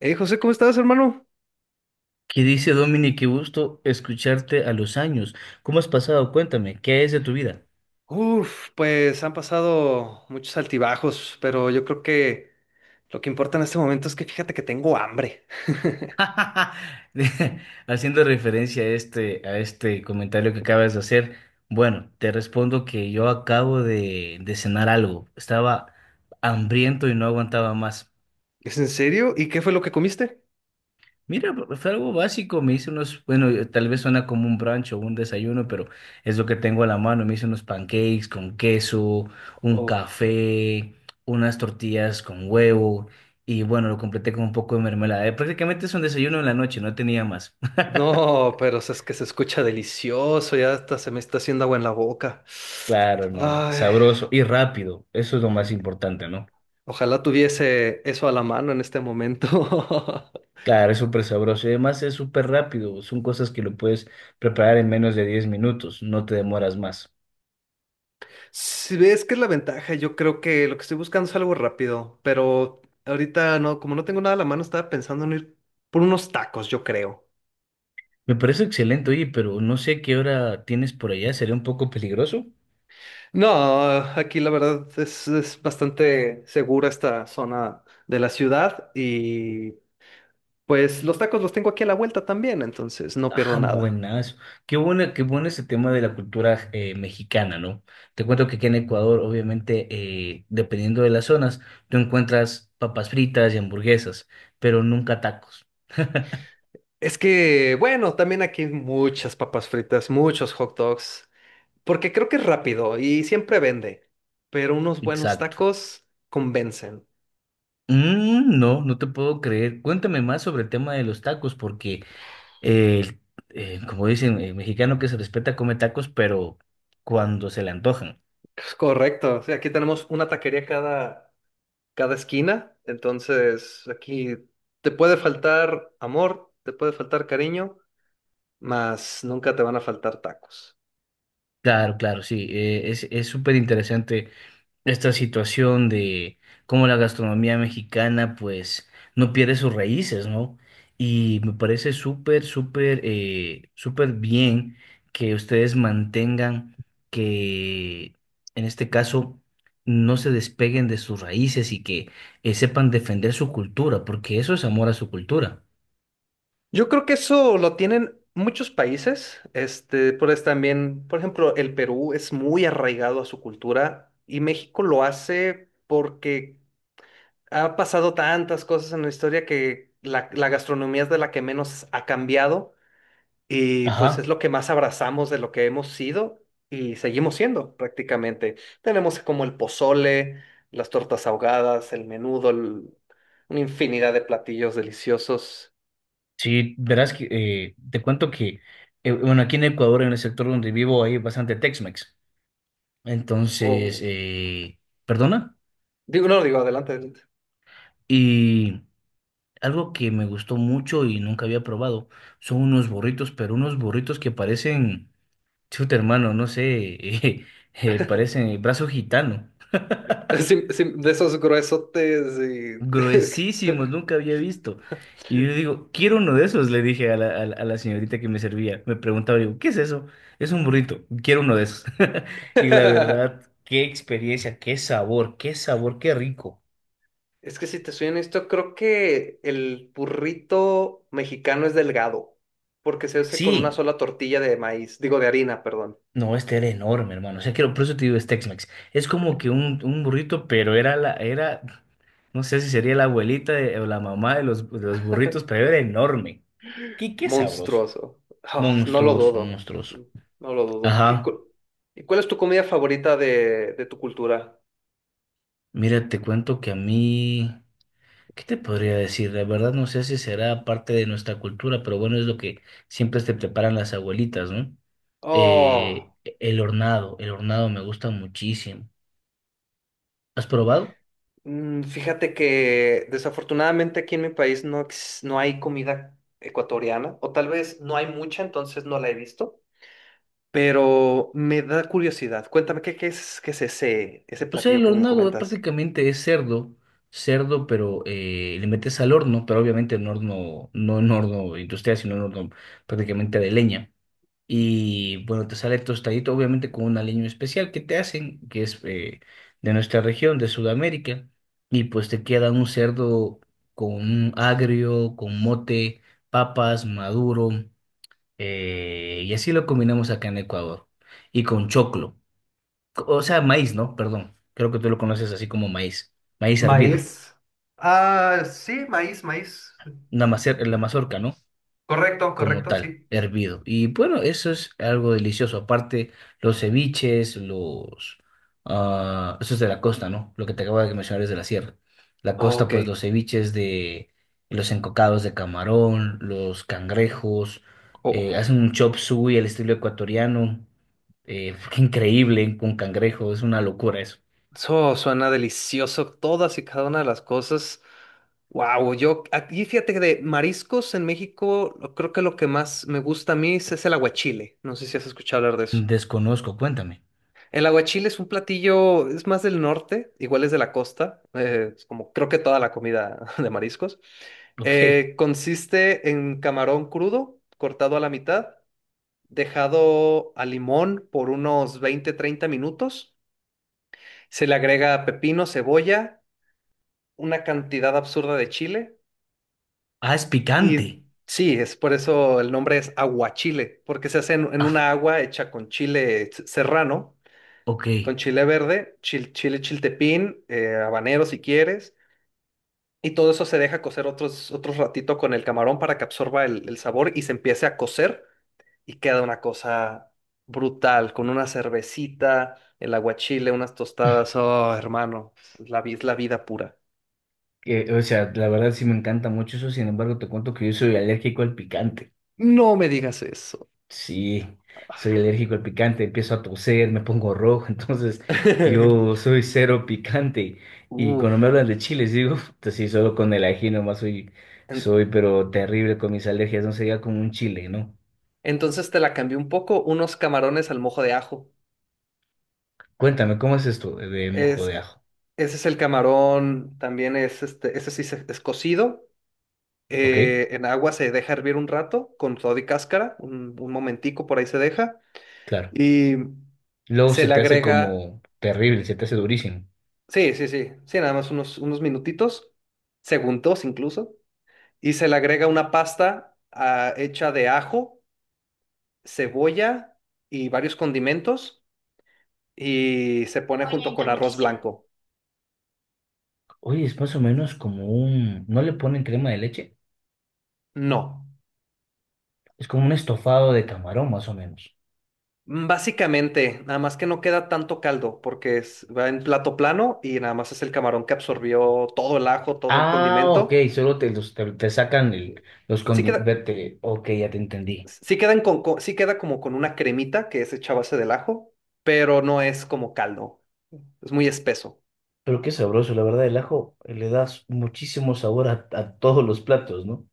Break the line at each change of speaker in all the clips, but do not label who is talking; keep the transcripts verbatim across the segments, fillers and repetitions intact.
Hey José, ¿cómo estás, hermano?
¿Qué dice Dominic? Qué gusto escucharte a los años. ¿Cómo has pasado? Cuéntame, ¿qué es de tu vida?
Uf, pues han pasado muchos altibajos, pero yo creo que lo que importa en este momento es que fíjate que tengo hambre.
De- Haciendo referencia a este, a este comentario que acabas de hacer, bueno, te respondo que yo acabo de, de cenar algo. Estaba hambriento y no aguantaba más.
¿Es en serio? ¿Y qué fue lo que comiste?
Mira, fue algo básico, me hice unos, bueno, eh, tal vez suena como un brunch o un desayuno, pero es lo que tengo a la mano. Me hice unos pancakes con queso, un
Uf,
café, unas tortillas con huevo y bueno, lo completé con un poco de mermelada. Eh, Prácticamente es un desayuno en la noche, no tenía más.
no, pero es que se escucha delicioso, ya hasta se me está haciendo agua en la boca.
Claro, hermano,
Ay,
sabroso y rápido, eso es lo más importante, ¿no?
ojalá tuviese eso a la mano en este momento.
Claro, es súper sabroso y además es súper rápido, son cosas que lo puedes preparar en menos de diez minutos, no te demoras más.
Si ves que es la ventaja, yo creo que lo que estoy buscando es algo rápido, pero ahorita no, como no tengo nada a la mano, estaba pensando en ir por unos tacos, yo creo.
Me parece excelente, oye, pero no sé qué hora tienes por allá, ¿sería un poco peligroso?
No, aquí la verdad es, es bastante segura esta zona de la ciudad y pues los tacos los tengo aquí a la vuelta también, entonces no pierdo
Ah,
nada.
buenazo. Qué buena, qué bueno ese tema de la cultura eh, mexicana, ¿no? Te cuento que aquí en Ecuador, obviamente, eh, dependiendo de las zonas, tú encuentras papas fritas y hamburguesas, pero nunca tacos.
Es que, bueno, también aquí hay muchas papas fritas, muchos hot dogs, porque creo que es rápido y siempre vende, pero unos buenos
Exacto.
tacos convencen.
Mm, no, no te puedo creer. Cuéntame más sobre el tema de los tacos, porque, eh, eh, como dicen, el mexicano que se respeta come tacos, pero cuando se le antojan.
Correcto. Sí, aquí tenemos una taquería cada, cada esquina. Entonces, aquí te puede faltar amor, te puede faltar cariño, mas nunca te van a faltar tacos.
Claro, claro, sí, eh, es, es súper interesante esta situación de cómo la gastronomía mexicana pues no pierde sus raíces, ¿no? Y me parece súper, súper, eh, súper bien que ustedes mantengan que en este caso no se despeguen de sus raíces y que eh, sepan defender su cultura, porque eso es amor a su cultura.
Yo creo que eso lo tienen muchos países. Este, por eso también, por ejemplo, el Perú es muy arraigado a su cultura y México lo hace porque ha pasado tantas cosas en la historia que la, la gastronomía es de la que menos ha cambiado. Y pues es
Ajá.
lo que más abrazamos de lo que hemos sido y seguimos siendo prácticamente. Tenemos como el pozole, las tortas ahogadas, el menudo, el- una infinidad de platillos deliciosos.
Sí, verás que eh, te cuento que, eh, bueno, aquí en Ecuador, en el sector donde vivo, hay bastante Tex-Mex. Entonces,
O,
eh, perdona.
digo, no, digo, adelante, adelante.
Y algo que me gustó mucho y nunca había probado son unos burritos, pero unos burritos que parecen, chuta hermano, no sé, eh, eh, parecen brazo gitano.
Sí, sí, de esos gruesotes y...
Gruesísimos, nunca había visto. Y yo digo, quiero uno de esos, le dije a la, a la- a la señorita que me servía. Me preguntaba, digo, ¿qué es eso? Es un burrito, quiero uno de esos. Y la verdad, qué experiencia, qué sabor, qué sabor, qué rico.
Es que si te soy honesto, creo que el burrito mexicano es delgado, porque se hace con una
Sí,
sola tortilla de maíz, digo de harina, perdón.
no, este era enorme, hermano. O sea, quiero, por eso te digo, es Tex-Mex. Es como que un, un burrito, pero era la, era, no sé si sería la abuelita de- o la mamá de los, de los burritos, pero era enorme. Qué, qué sabroso.
Monstruoso. Ah, no lo
Monstruoso,
dudo.
monstruoso.
No lo dudo. ¿Y
Ajá.
cu- ¿y cuál es tu comida favorita de, de tu cultura?
Mira, te cuento que a mí, ¿qué te podría decir? La verdad no sé si será parte de nuestra cultura, pero bueno, es lo que siempre te preparan las abuelitas, ¿no?
Oh,
Eh, el hornado, el hornado me gusta muchísimo. ¿Has probado?
mm, fíjate que desafortunadamente aquí en mi país no, ex- no hay comida ecuatoriana, o tal vez no hay mucha, entonces no la he visto, pero me da curiosidad. Cuéntame, ¿qué, qué es, ¿qué es ese, ese
O sea,
platillo
el
que me
hornado es
comentas?
prácticamente es cerdo, cerdo, pero eh, le metes al horno, pero obviamente en horno, no en horno industrial, sino en horno prácticamente de leña. Y bueno, te sale tostadito, obviamente con un aliño especial que te hacen, que es eh, de nuestra región, de Sudamérica. Y pues te queda un cerdo con un agrio, con mote, papas, maduro. Eh, y así lo combinamos acá en Ecuador. Y con choclo. O sea, maíz, ¿no? Perdón. Creo que tú lo conoces así como maíz. Maíz hervido.
Maíz. Ah, sí, maíz, maíz.
Una macer- la mazorca, ¿no?
Correcto,
Como
correcto,
tal,
sí.
hervido. Y bueno, eso es algo delicioso. Aparte, los ceviches, los... ah, eso es de la costa, ¿no? Lo que te acabo de mencionar es de la sierra. La
Oh,
costa,
ok.
pues los ceviches de... Los encocados de camarón, los cangrejos, eh, hacen un chop suey al estilo ecuatoriano. Eh, qué increíble con cangrejo, es una locura eso.
Eso suena delicioso, todas y cada una de las cosas. Wow, yo aquí fíjate que de mariscos en México, lo- creo que lo que más me gusta a mí es, es el aguachile. No sé si has escuchado hablar de eso.
Desconozco, cuéntame.
El aguachile es un platillo, es más del norte, igual es de la costa, eh, es como creo que toda la comida de mariscos.
Ok.
Eh, consiste en camarón crudo, cortado a la mitad, dejado a limón por unos veinte treinta minutos. Se le agrega pepino, cebolla, una cantidad absurda de chile.
Ah, es
Y
picante.
sí, es por eso el nombre es aguachile, porque se hace en, en una
Ah,
agua hecha con chile s- serrano,
ok.
con chile verde, chil- chile chiltepín, eh, habanero si quieres, y todo eso se deja cocer otros, otros ratito con el camarón para que absorba el, el sabor y se empiece a cocer y queda una cosa brutal, con una cervecita, el aguachile, unas tostadas, oh hermano, es la, vi- es la vida pura.
Que, o sea, la verdad sí me encanta mucho eso, sin embargo te cuento que yo soy alérgico al picante.
No me digas eso.
Sí, soy alérgico al picante, empiezo a toser, me pongo rojo, entonces yo soy cero picante. Y cuando me
Uf.
hablan de chiles, digo, pues sí, solo con el ají nomás soy,
En-
soy pero terrible con mis alergias, no sería como un chile, ¿no?
Entonces te la cambié un poco, unos camarones al mojo de ajo.
Cuéntame, ¿cómo es esto de, de mojo
Es,
de
e,
ajo?
Ese es el camarón, también es este, ese sí se- es cocido.
¿Ok?
eh, en agua se deja hervir un rato con todo y cáscara, un, un momentico por ahí se deja.
Claro.
Y
Luego
se
se
le
te hace
agrega,
como terrible, se te hace durísimo.
sí, sí, sí, sí, nada más unos, unos minutitos, segundos incluso. Y se le agrega una pasta ah, hecha de ajo, cebolla y varios condimentos y se pone junto con arroz blanco.
Oye, es más o menos como un... ¿No le ponen crema de leche?
No,
Es como un estofado de camarón, más o menos.
básicamente, nada más que no queda tanto caldo porque es- va en plato plano y nada más es el camarón que absorbió todo el ajo, todo el
Ah, ok,
condimento.
solo te, los- te, te sacan el, los
Sí queda,
condimentos. Ok, ya te entendí.
sí quedan con- con- sí queda como con una cremita que es hecha a base del ajo, pero no es como caldo. Es muy espeso.
Pero qué sabroso, la verdad, el ajo eh, le das muchísimo sabor a, a todos los platos, ¿no?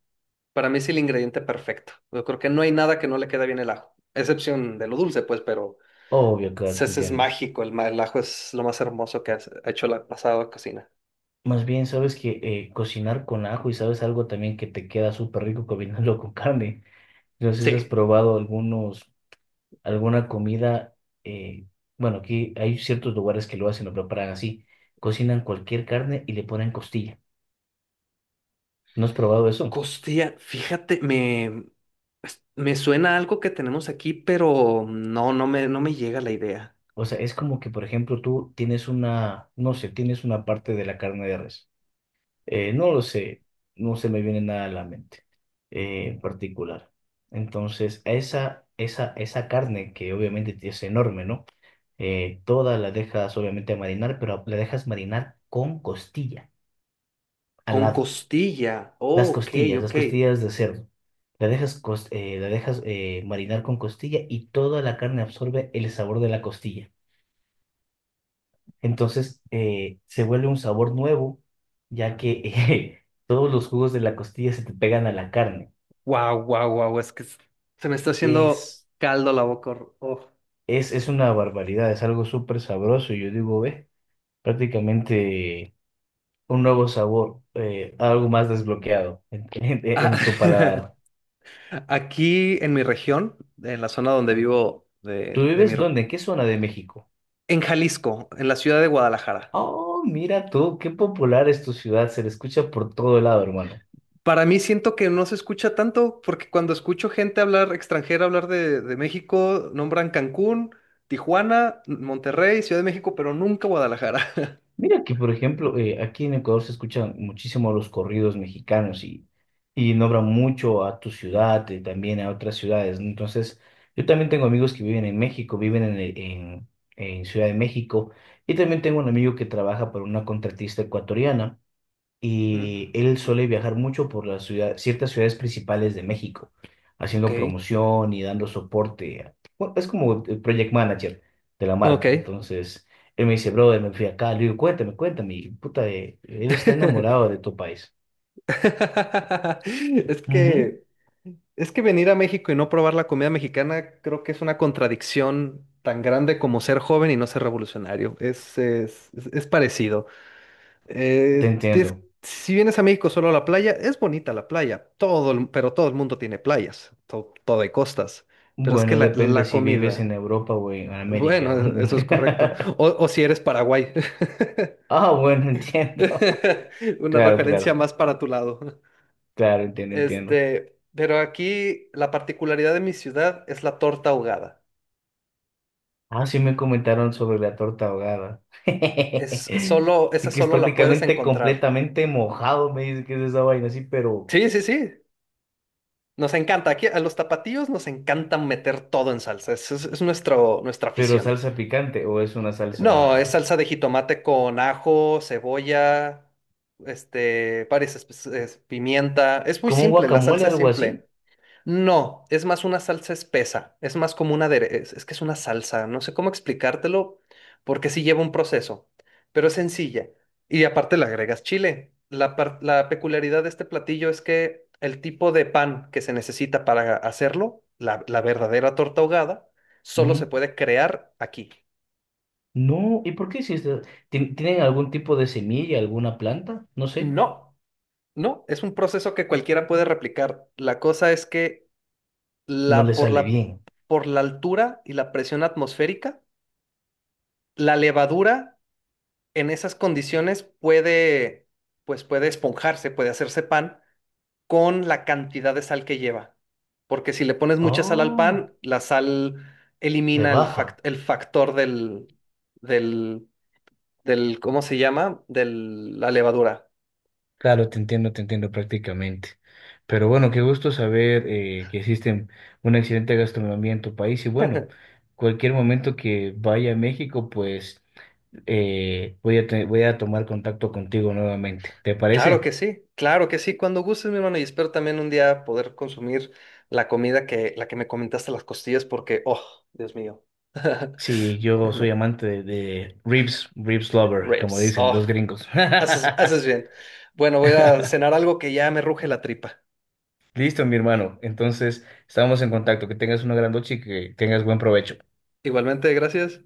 Para mí es el ingrediente perfecto. Yo creo que no hay nada que no le quede bien el ajo, excepción de lo dulce, pues, pero
Obvio, claro,
ese
te
ese es
entiendo.
mágico. El, ma- el ajo es lo más hermoso que has- ha hecho la pasada cocina.
Más bien, sabes que eh, cocinar con ajo y sabes algo también que te queda súper rico combinarlo con carne. No sé si has
Sí.
probado algunos, alguna comida. eh, bueno, aquí hay ciertos lugares que lo hacen, lo preparan así. Cocinan cualquier carne y le ponen costilla. ¿No has probado eso?
Costilla, fíjate, me, me suena algo que tenemos aquí, pero no, no me, no me llega la idea.
O sea, es como que, por ejemplo, tú tienes una, no sé, tienes una parte de la carne de res. Eh, no lo sé, no se me viene nada a la mente eh, en particular. Entonces, esa, esa, esa carne que obviamente es enorme, ¿no? Eh, toda la dejas obviamente marinar, pero la dejas marinar con costilla al
Con
lado.
costilla.
Las
Oh, ok,
costillas, las
ok.
costillas de cerdo. La dejas, cos- eh, la dejas eh, marinar con costilla y toda la carne absorbe el sabor de la costilla. Entonces eh, se vuelve un sabor nuevo, ya que eh, todos los jugos de la costilla se te pegan a la carne.
Wow, wow, wow. Es que s- se me está haciendo
Es,
caldo la boca. Hor- oh.
es, es una barbaridad, es algo súper sabroso. Yo digo, ve, prácticamente un nuevo sabor, eh, algo más desbloqueado en, en-
Ah,
en tu paladar.
Aquí en mi región, en la zona donde vivo, de,
¿Tú
de mi,
vives
r-
dónde? ¿En qué zona de México?
en Jalisco, en la ciudad de Guadalajara.
Oh, mira tú, qué popular es tu ciudad, se le escucha por todo lado, hermano.
Para mí siento que no se escucha tanto, porque cuando escucho gente hablar, extranjera hablar de, de México, nombran Cancún, Tijuana, Monterrey, Ciudad de México, pero nunca Guadalajara.
Mira que, por ejemplo, eh, aquí en Ecuador se escuchan muchísimo los corridos mexicanos y, y nombran mucho a tu ciudad y también a otras ciudades, ¿no? Entonces, yo también tengo amigos que viven en México, viven en, el- en, en Ciudad de México y también tengo un amigo que trabaja para una contratista ecuatoriana
Mm,
y él suele viajar mucho por las ciudades, ciertas ciudades principales de México,
ok,
haciendo promoción y dando soporte. A- bueno, es como el project manager de la
ok.
marca. Entonces, él me dice, brother, me fui acá. Le digo, cuéntame, cuéntame. Y, puta, eh, él está enamorado de tu país.
Es
Ujú.
que, es que venir a México y no probar la comida mexicana creo que es una contradicción tan grande como ser joven y no ser revolucionario. Es, es, es es parecido.
Te
Eh, tienes-
entiendo.
si vienes a México solo a la playa, es bonita la playa, todo el- pero todo el mundo tiene playas, to- todo hay costas. Pero es que
Bueno,
la,
depende
la
si vives
comida,
en Europa o en
bueno,
América.
e- eso es correcto. O, o si eres Paraguay,
Ah, bueno, entiendo.
una
Claro,
referencia
claro,
más para tu lado.
claro, entiendo, entiendo.
Este, pero aquí la particularidad de mi ciudad es la torta ahogada.
Ah, sí me comentaron sobre la torta ahogada.
Es solo, esa
Así que es
solo la puedes
prácticamente
encontrar.
completamente mojado, me dice que es esa vaina así, pero,
Sí, sí, sí. Nos encanta, aquí a los tapatíos nos encanta meter todo en salsa, es, es- es nuestro, nuestra
pero
afición.
salsa picante o es una
No, es
salsa
salsa de jitomate con ajo, cebolla, este, varias espe- es- pimienta. Es muy
como un
simple, la
guacamole,
salsa es
algo así.
simple. No, es más una salsa espesa, es más como una adere- es, es que es una salsa, no sé cómo explicártelo porque sí lleva un proceso, pero es sencilla. Y aparte le agregas chile. La, par- la peculiaridad de este platillo es que el tipo de pan que se necesita para hacerlo, la, la verdadera torta ahogada, solo se
Ujú.
puede crear aquí.
No, ¿y por qué hiciste? ¿Tien- Tienen algún tipo de semilla, alguna planta? No sé,
No, no, es un proceso que cualquiera puede replicar. La cosa es que
no
la,
le
por
sale
la,
bien.
por la altura y la presión atmosférica, la levadura en esas condiciones puede, pues puede esponjarse, puede hacerse pan con la cantidad de sal que lleva. Porque si le pones mucha sal al
Oh,
pan, la sal
le
elimina el, fac-
baja.
el factor del, del, del, ¿cómo se llama? De la levadura.
Claro, te entiendo, te entiendo prácticamente. Pero bueno, qué gusto saber eh, que existe una excelente gastronomía en tu país y bueno, cualquier momento que vaya a México, pues eh, voy a, te- voy a tomar contacto contigo nuevamente. ¿Te
Claro
parece?
que sí, claro que sí. Cuando gustes, mi hermano, y espero también un día poder consumir la comida que, la que me comentaste, las costillas, porque, oh, Dios mío.
Sí, yo soy
Bueno,
amante de, de ribs, ribs lover, como
ribs,
dicen
oh.
los gringos.
Haces, haces bien. Bueno, voy a ir a cenar algo que ya me ruge la tripa.
Listo, mi hermano. Entonces, estamos en contacto. Que tengas una gran noche y que tengas buen provecho.
Igualmente, gracias.